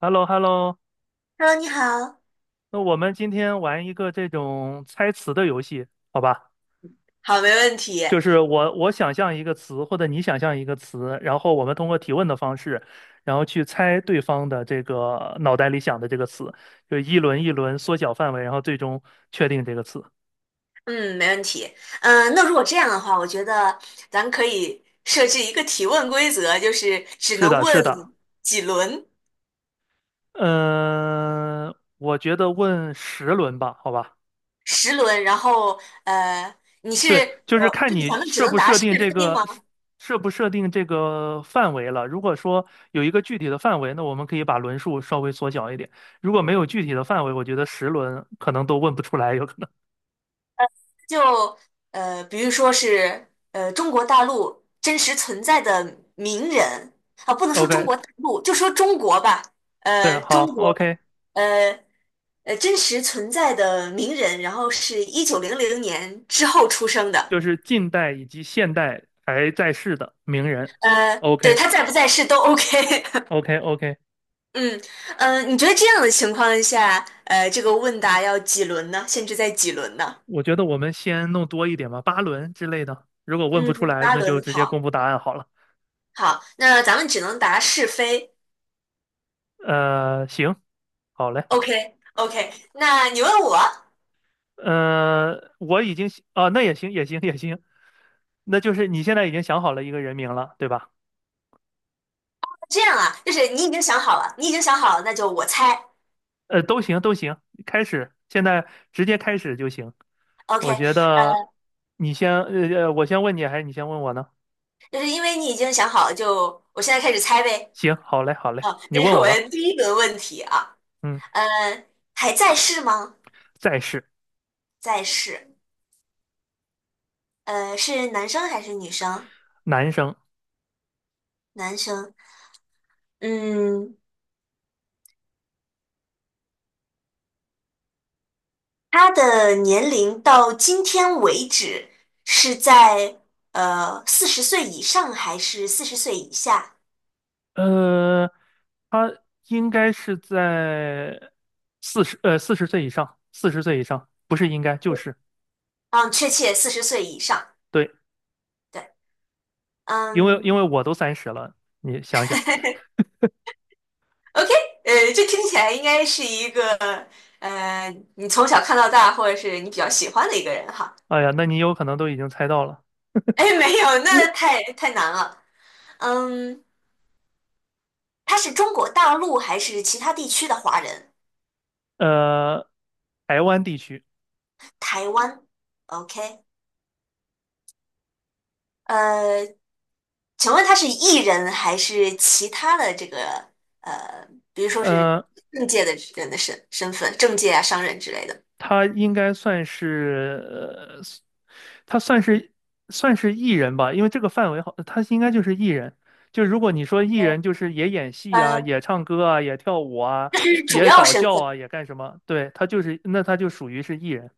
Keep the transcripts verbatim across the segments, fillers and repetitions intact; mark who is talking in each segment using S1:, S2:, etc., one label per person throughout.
S1: h e l l o h e l l o。
S2: Hello，你好。
S1: 那我们今天玩一个这种猜词的游戏，好吧？
S2: 好，没问题。
S1: 就是我我想象一个词，或者你想象一个词，然后我们通过提问的方式，然后去猜对方的这个脑袋里想的这个词，就一轮一轮缩小范围，然后最终确定这个词。
S2: 嗯，没问题。嗯、那如果这样的话，我觉得咱可以设置一个提问规则，就是只
S1: 是
S2: 能
S1: 的，是
S2: 问
S1: 的。
S2: 几轮，
S1: 嗯、我觉得问十轮吧，好吧？
S2: 十轮。然后，呃，你是
S1: 对，就是
S2: 呃，
S1: 看
S2: 就是
S1: 你
S2: 咱们只
S1: 设
S2: 能
S1: 不
S2: 答
S1: 设
S2: 是
S1: 定这
S2: 非吗？
S1: 个设不设定这个范围了。如果说有一个具体的范围，那我们可以把轮数稍微缩小一点。如果没有具体的范围，我觉得十轮可能都问不出来，有可能。
S2: 就呃，比如说是呃，中国大陆真实存在的名人啊，不能 说中
S1: OK。
S2: 国大陆，就说中国吧。
S1: 对，
S2: 呃，
S1: 好
S2: 中国，
S1: ，OK。
S2: 呃。呃真实存在的名人，然后是一九零零年之后出生的，
S1: 就是近代以及现代还在世的名人。
S2: 呃，对他在不在世都 OK。
S1: OK，OK，OK。
S2: 嗯，呃，你觉得这样的情况下，呃，这个问答要几轮呢？限制在几轮呢？
S1: 我觉得我们先弄多一点吧，八轮之类的。如果问不
S2: 嗯，
S1: 出来，
S2: 八
S1: 那就
S2: 轮，
S1: 直接公
S2: 好，
S1: 布答案好了。
S2: 好，那咱们只能答是非。
S1: 呃，行，好嘞。
S2: OK，OK，那你问我，
S1: 嗯、呃我已经啊、哦那也行，也行，也行。那就是你现在已经想好了一个人名了，对吧？
S2: 这样啊，就是你已经想好了，你已经想好了，那就我猜。
S1: 呃，都行，都行。开始，现在直接开始就行。
S2: OK，
S1: 我觉得
S2: 呃，
S1: 你先，呃，呃我先问你，还是你先问我呢？
S2: 就是因为你已经想好了，就我现在开始猜呗。
S1: 行，好嘞，好嘞，
S2: 好，
S1: 你
S2: 这
S1: 问
S2: 是我
S1: 我吧。
S2: 的第一轮问题啊。
S1: 嗯。
S2: 呃，还在世吗？
S1: 再是。
S2: 在世。呃，是男生还是女生？
S1: 男生。
S2: 男生。嗯，他的年龄到今天为止是在呃四十岁以上还是四十岁以下？
S1: 呃，他应该是在四十，呃，四十岁以上，四十岁以上，不是应该就是
S2: 嗯，确切四十岁以上。
S1: 对，
S2: 对，
S1: 因为因
S2: 嗯
S1: 为我都三十了，你想想。
S2: ，OK，呃，这听起来应该是一个呃，你从小看到大，或者是你比较喜欢的一个人哈。
S1: 哎呀，那你有可能都已经猜到了。
S2: 哎，没有，那太太难了。嗯。他是中国大陆还是其他地区的华人？
S1: 呃，台湾地区。
S2: 台湾，OK，呃，请问他是艺人还是其他的这个呃，比如说是
S1: 呃，
S2: 政界的人的身身份，政界啊、商人之类的？
S1: 他应该算是，呃，他算是算是艺人吧，因为这个范围好，他应该就是艺人。就如果你说艺人，就是也演戏啊，
S2: 呃，
S1: 也唱歌啊，也跳舞啊，
S2: 是主
S1: 也
S2: 要
S1: 搞
S2: 身
S1: 笑
S2: 份，
S1: 啊，也干什么？对，他就是，那他就属于是艺人。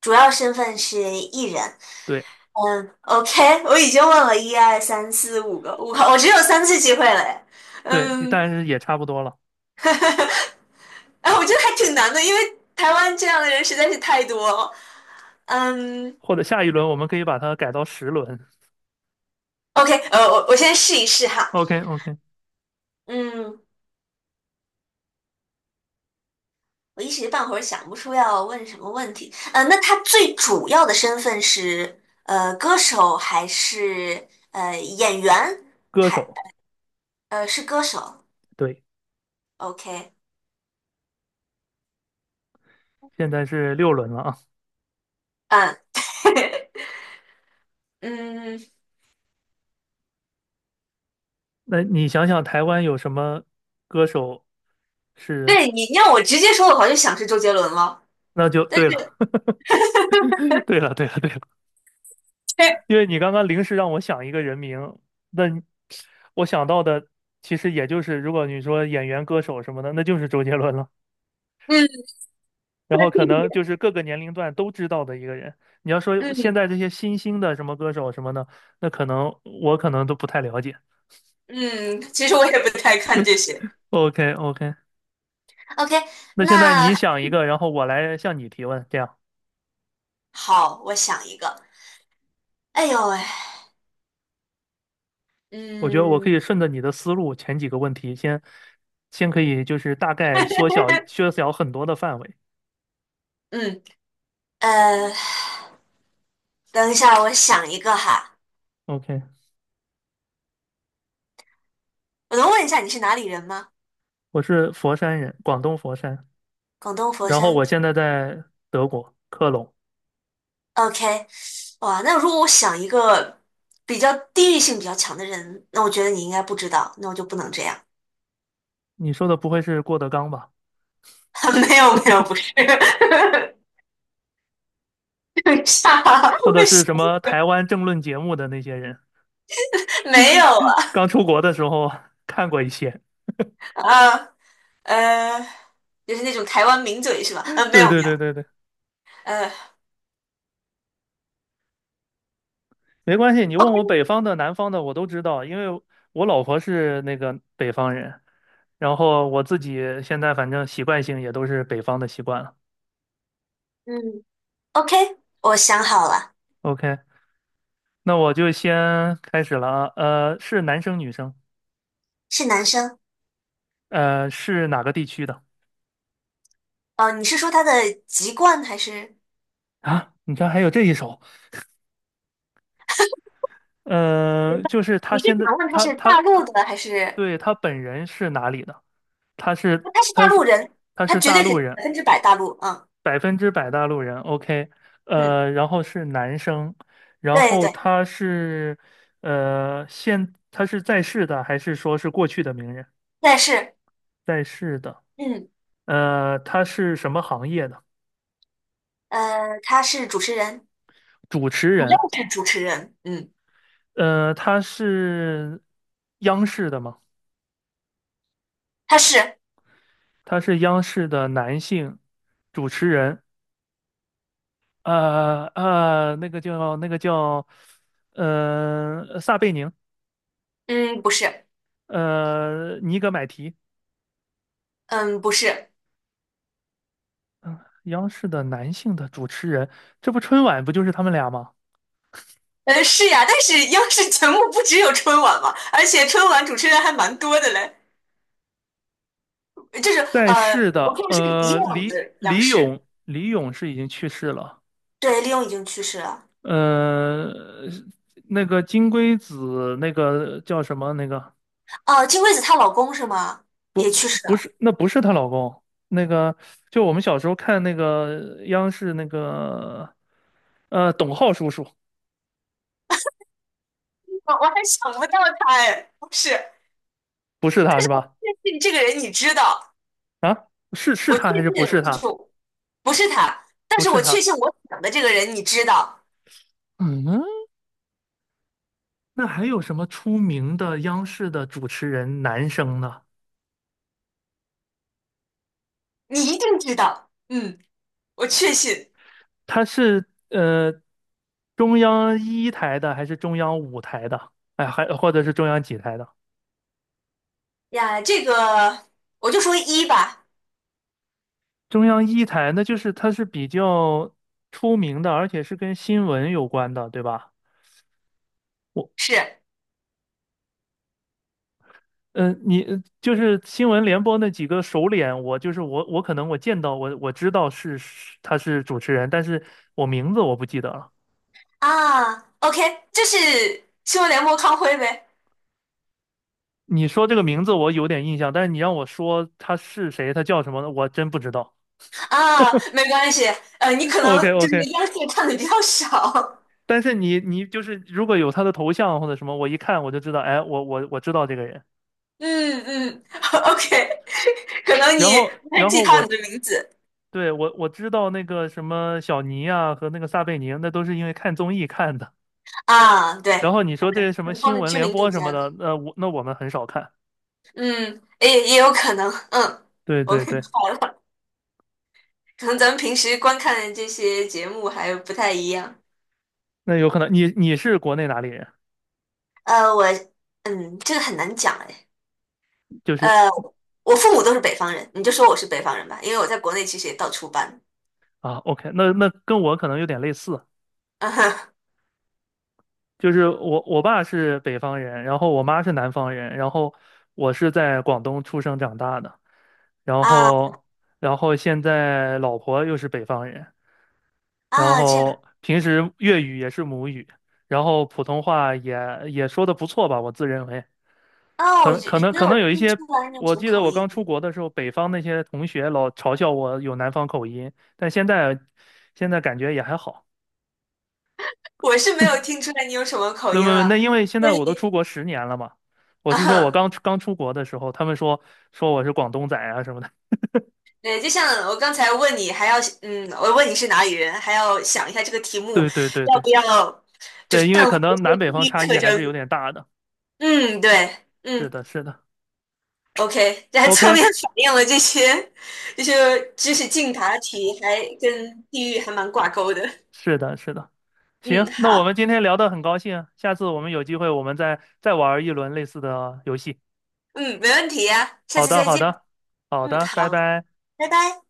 S2: 主要身份是艺人。
S1: 对
S2: 嗯，OK，我已经问了一二三四五个，我个，我只有三次机会了诶。
S1: 对，
S2: 嗯，
S1: 但是也差不多了。
S2: 哎，我觉得还挺难的，因为台湾这样的人实在是太多了。嗯
S1: 或者下一轮我们可以把它改到十轮。
S2: ，OK，呃，我我先试一试 哈。
S1: OK OK。
S2: 嗯，我一时半会儿想不出要问什么问题。呃，那他最主要的身份是呃歌手还是呃演员？
S1: 歌
S2: 还
S1: 手。
S2: 呃是歌手
S1: 对，
S2: ？OK，
S1: 现在是六轮了啊。
S2: 嗯 嗯，
S1: 那你想想台湾有什么歌手是？
S2: 对你让我直接说的话，就想是周杰伦了。
S1: 那就
S2: 但
S1: 对
S2: 是，
S1: 了，对了，对了，对了，因 为你刚刚临时让我想一个人名，那你我想到的其实也就是，如果你说演员、歌手什么的，那就是周杰伦了。
S2: 嗯，可以嗯
S1: 然
S2: 他
S1: 后可能
S2: 的
S1: 就是各个年龄段都知道的一个人。你要说
S2: 弟
S1: 现
S2: 弟，
S1: 在这些新兴的什么歌手什么的，那可能我可能都不太了解。
S2: 嗯，其实我也不太看这些。
S1: o k o k。
S2: OK，
S1: 那现
S2: 那
S1: 在你想一个，然后我来向你提问，这样。
S2: 好，我想一个。哎呦喂，
S1: 我觉得我可
S2: 嗯
S1: 以顺着你的思路，前几个问题先先可以就是大概缩小缩小很多的范围。
S2: 嗯，呃，等一下，我想一个哈。
S1: OK，
S2: 我能问一下你是哪里人吗？
S1: 我是佛山人，广东佛山，
S2: 广东佛
S1: 然后
S2: 山。
S1: 我现在在德国科隆。
S2: OK，哇，那如果我想一个比较地域性比较强的人，那我觉得你应该不知道，那我就不能这样。
S1: 你说的不会是郭德纲吧？
S2: 没有没有，不是。等一下，
S1: 或者
S2: 为
S1: 是
S2: 什
S1: 什么台湾政论节目的那些人？
S2: 么没有啊？
S1: 刚出国的时候 看过一些。
S2: 啊呃，就是那种台湾名嘴是吧？呃，没
S1: 对
S2: 有没
S1: 对对
S2: 有，
S1: 对对。
S2: 呃。
S1: 没关系，你问我
S2: 哦
S1: 北方的、南方的，我都知道，因为我老婆是那个北方人，然后我自己现在反正习惯性也都是北方的习惯了。
S2: 嗯。OK，我想好了，
S1: OK，那我就先开始了啊。呃，是男生女生？
S2: 是男生。
S1: 呃，是哪个地区的？
S2: 哦，你是说他的籍贯还是？
S1: 啊，你这还有这一首。
S2: 明
S1: 呃，
S2: 白
S1: 就是他
S2: 你是
S1: 现在
S2: 想问他
S1: 他
S2: 是
S1: 他
S2: 大
S1: 他，
S2: 陆的还是？
S1: 对，他本人是哪里的？他是
S2: 他是大
S1: 他
S2: 陆
S1: 是
S2: 人，
S1: 他
S2: 他
S1: 是
S2: 绝
S1: 大
S2: 对是
S1: 陆
S2: 百
S1: 人。
S2: 分之百大陆。嗯
S1: 百分之百大陆人，OK。
S2: 嗯，
S1: 呃，然后是男生，然
S2: 对对
S1: 后
S2: 对，
S1: 他是呃现他是在世的还是说是过去的名人？
S2: 但是
S1: 在世的。
S2: 嗯
S1: 呃，他是什么行业的？
S2: 呃，他是主持人，
S1: 主持
S2: 主要
S1: 人。
S2: 是主持人。嗯，
S1: 呃，他是央视的吗？
S2: 他是
S1: 他是央视的男性主持人。呃呃，那个叫那个叫呃撒贝宁，
S2: 嗯不是
S1: 呃尼格买提。
S2: 嗯不是
S1: 央视的男性的主持人，这不春晚不就是他们俩吗？
S2: 呃是呀，但是央视节目不只有春晚嘛，而且春晚主持人还蛮多的嘞，就是
S1: 在
S2: 呃
S1: 世
S2: 我
S1: 的。
S2: 看的是以
S1: 呃，
S2: 往
S1: 李
S2: 的央
S1: 李
S2: 视。
S1: 咏，李咏是已经去世了。
S2: 对，利用已经去世了。
S1: 呃，那个金龟子，那个叫什么？那个
S2: 哦，金龟子她老公是吗？也去世
S1: 不
S2: 了。
S1: 是，那不是她老公，那个就我们小时候看那个央视那个，呃，董浩叔叔，
S2: 我我还想不到他哎，不是，
S1: 不是他是吧？
S2: 确信这个人你知道，
S1: 是是
S2: 我确
S1: 他还是不是
S2: 信就是
S1: 他？
S2: 不是他，但
S1: 不
S2: 是
S1: 是
S2: 我确
S1: 他。
S2: 信我想的这个人你知道，
S1: 嗯，那还有什么出名的央视的主持人男生呢？
S2: 你一定知道。嗯，我确信
S1: 他是呃中央一台的还是中央五台的？哎，还或者是中央几台的？
S2: 呀，这个我就说一吧，
S1: 中央一台那就是他是比较出名的，而且是跟新闻有关的，对吧？我
S2: 是
S1: 嗯呃，你呃就是新闻联播那几个首脸，我就是我，我可能我见到我我知道是是他是主持人，但是我名字我不记得了。
S2: 啊，OK，这是新闻联播康辉呗？
S1: 你说这个名字我有点印象，但是你让我说他是谁，他叫什么，我真不知道。
S2: 啊，没关系，呃，你 可
S1: o k
S2: 能就
S1: o k。
S2: 是央视看的比较少。
S1: 但是你你就是如果有他的头像或者什么，我一看我就知道，哎，我我我知道这个人。
S2: 嗯嗯 ，OK，可能你
S1: 然后
S2: 不会
S1: 然
S2: 记
S1: 后
S2: 他
S1: 我
S2: 你的名字
S1: 对，我我知道那个什么小尼啊和那个撒贝宁，那都是因为看综艺看的。
S2: 啊，对，
S1: 然后你说这些什
S2: 可
S1: 么
S2: 能他
S1: 新
S2: 们
S1: 闻
S2: 知
S1: 联
S2: 名度
S1: 播
S2: 比
S1: 什
S2: 较
S1: 么
S2: 高，
S1: 的，那我那我们很少看。
S2: 嗯，也也有可能，嗯，
S1: 对
S2: 我
S1: 对
S2: 们
S1: 对。
S2: 白了，可能咱们平时观看的这些节目还不太一样。
S1: 那有可能你你是国内哪里人？
S2: 呃，我，嗯，这个很难讲哎，
S1: 就是
S2: 呃，我父母都是北方人，你就说我是北方人吧，因为我在国内其实也到处搬，
S1: 啊，OK。那那跟我可能有点类似，
S2: 嗯哼，
S1: 就是我我爸是北方人，然后我妈是南方人，然后我是在广东出生长大的。然
S2: 啊
S1: 后然后现在老婆又是北方人，然
S2: 啊，这样
S1: 后平时粤语也是母语，然后普通话也也说的不错吧，我自认为。
S2: 啊，
S1: 可
S2: 我
S1: 能
S2: 觉
S1: 可
S2: 觉
S1: 能
S2: 得
S1: 可
S2: 我
S1: 能
S2: 听
S1: 有一
S2: 不
S1: 些，
S2: 出来你有什
S1: 我
S2: 么
S1: 记得
S2: 口
S1: 我刚
S2: 音，
S1: 出国的时候，北方那些同学老嘲笑我有南方口音，但现在现在感觉也还好。
S2: 我是没有听出来你有什么口
S1: 那
S2: 音
S1: 么那
S2: 啊。
S1: 因为现
S2: 所
S1: 在我都出
S2: 以。
S1: 国十年了嘛，我
S2: 啊，
S1: 是说我
S2: 哈，
S1: 刚刚出国的时候，他们说说我是广东仔啊什么的，
S2: 对，就像我刚才问你，还要嗯，我问你是哪里人，还要想一下这个题 目
S1: 对对对
S2: 要
S1: 对
S2: 不要，就是
S1: 对，因为
S2: 淡化
S1: 可
S2: 一
S1: 能
S2: 些
S1: 南北方
S2: 地域
S1: 差异
S2: 特
S1: 还是有
S2: 征。
S1: 点大的。
S2: 嗯，对，
S1: 是
S2: 嗯
S1: 的，是的
S2: ，OK，这还侧
S1: ，OK，
S2: 面反映了这些这些知识竞答题还跟地域还蛮挂钩的。
S1: 是的，是的。
S2: 嗯，
S1: 行，那我们
S2: 好，
S1: 今天聊的很高兴啊，下次我们有机会我们再再玩一轮类似的游戏。
S2: 嗯，没问题呀，下
S1: 好
S2: 次
S1: 的，
S2: 再
S1: 好
S2: 见。
S1: 的，好
S2: 嗯，
S1: 的，拜
S2: 好，
S1: 拜。
S2: 拜拜。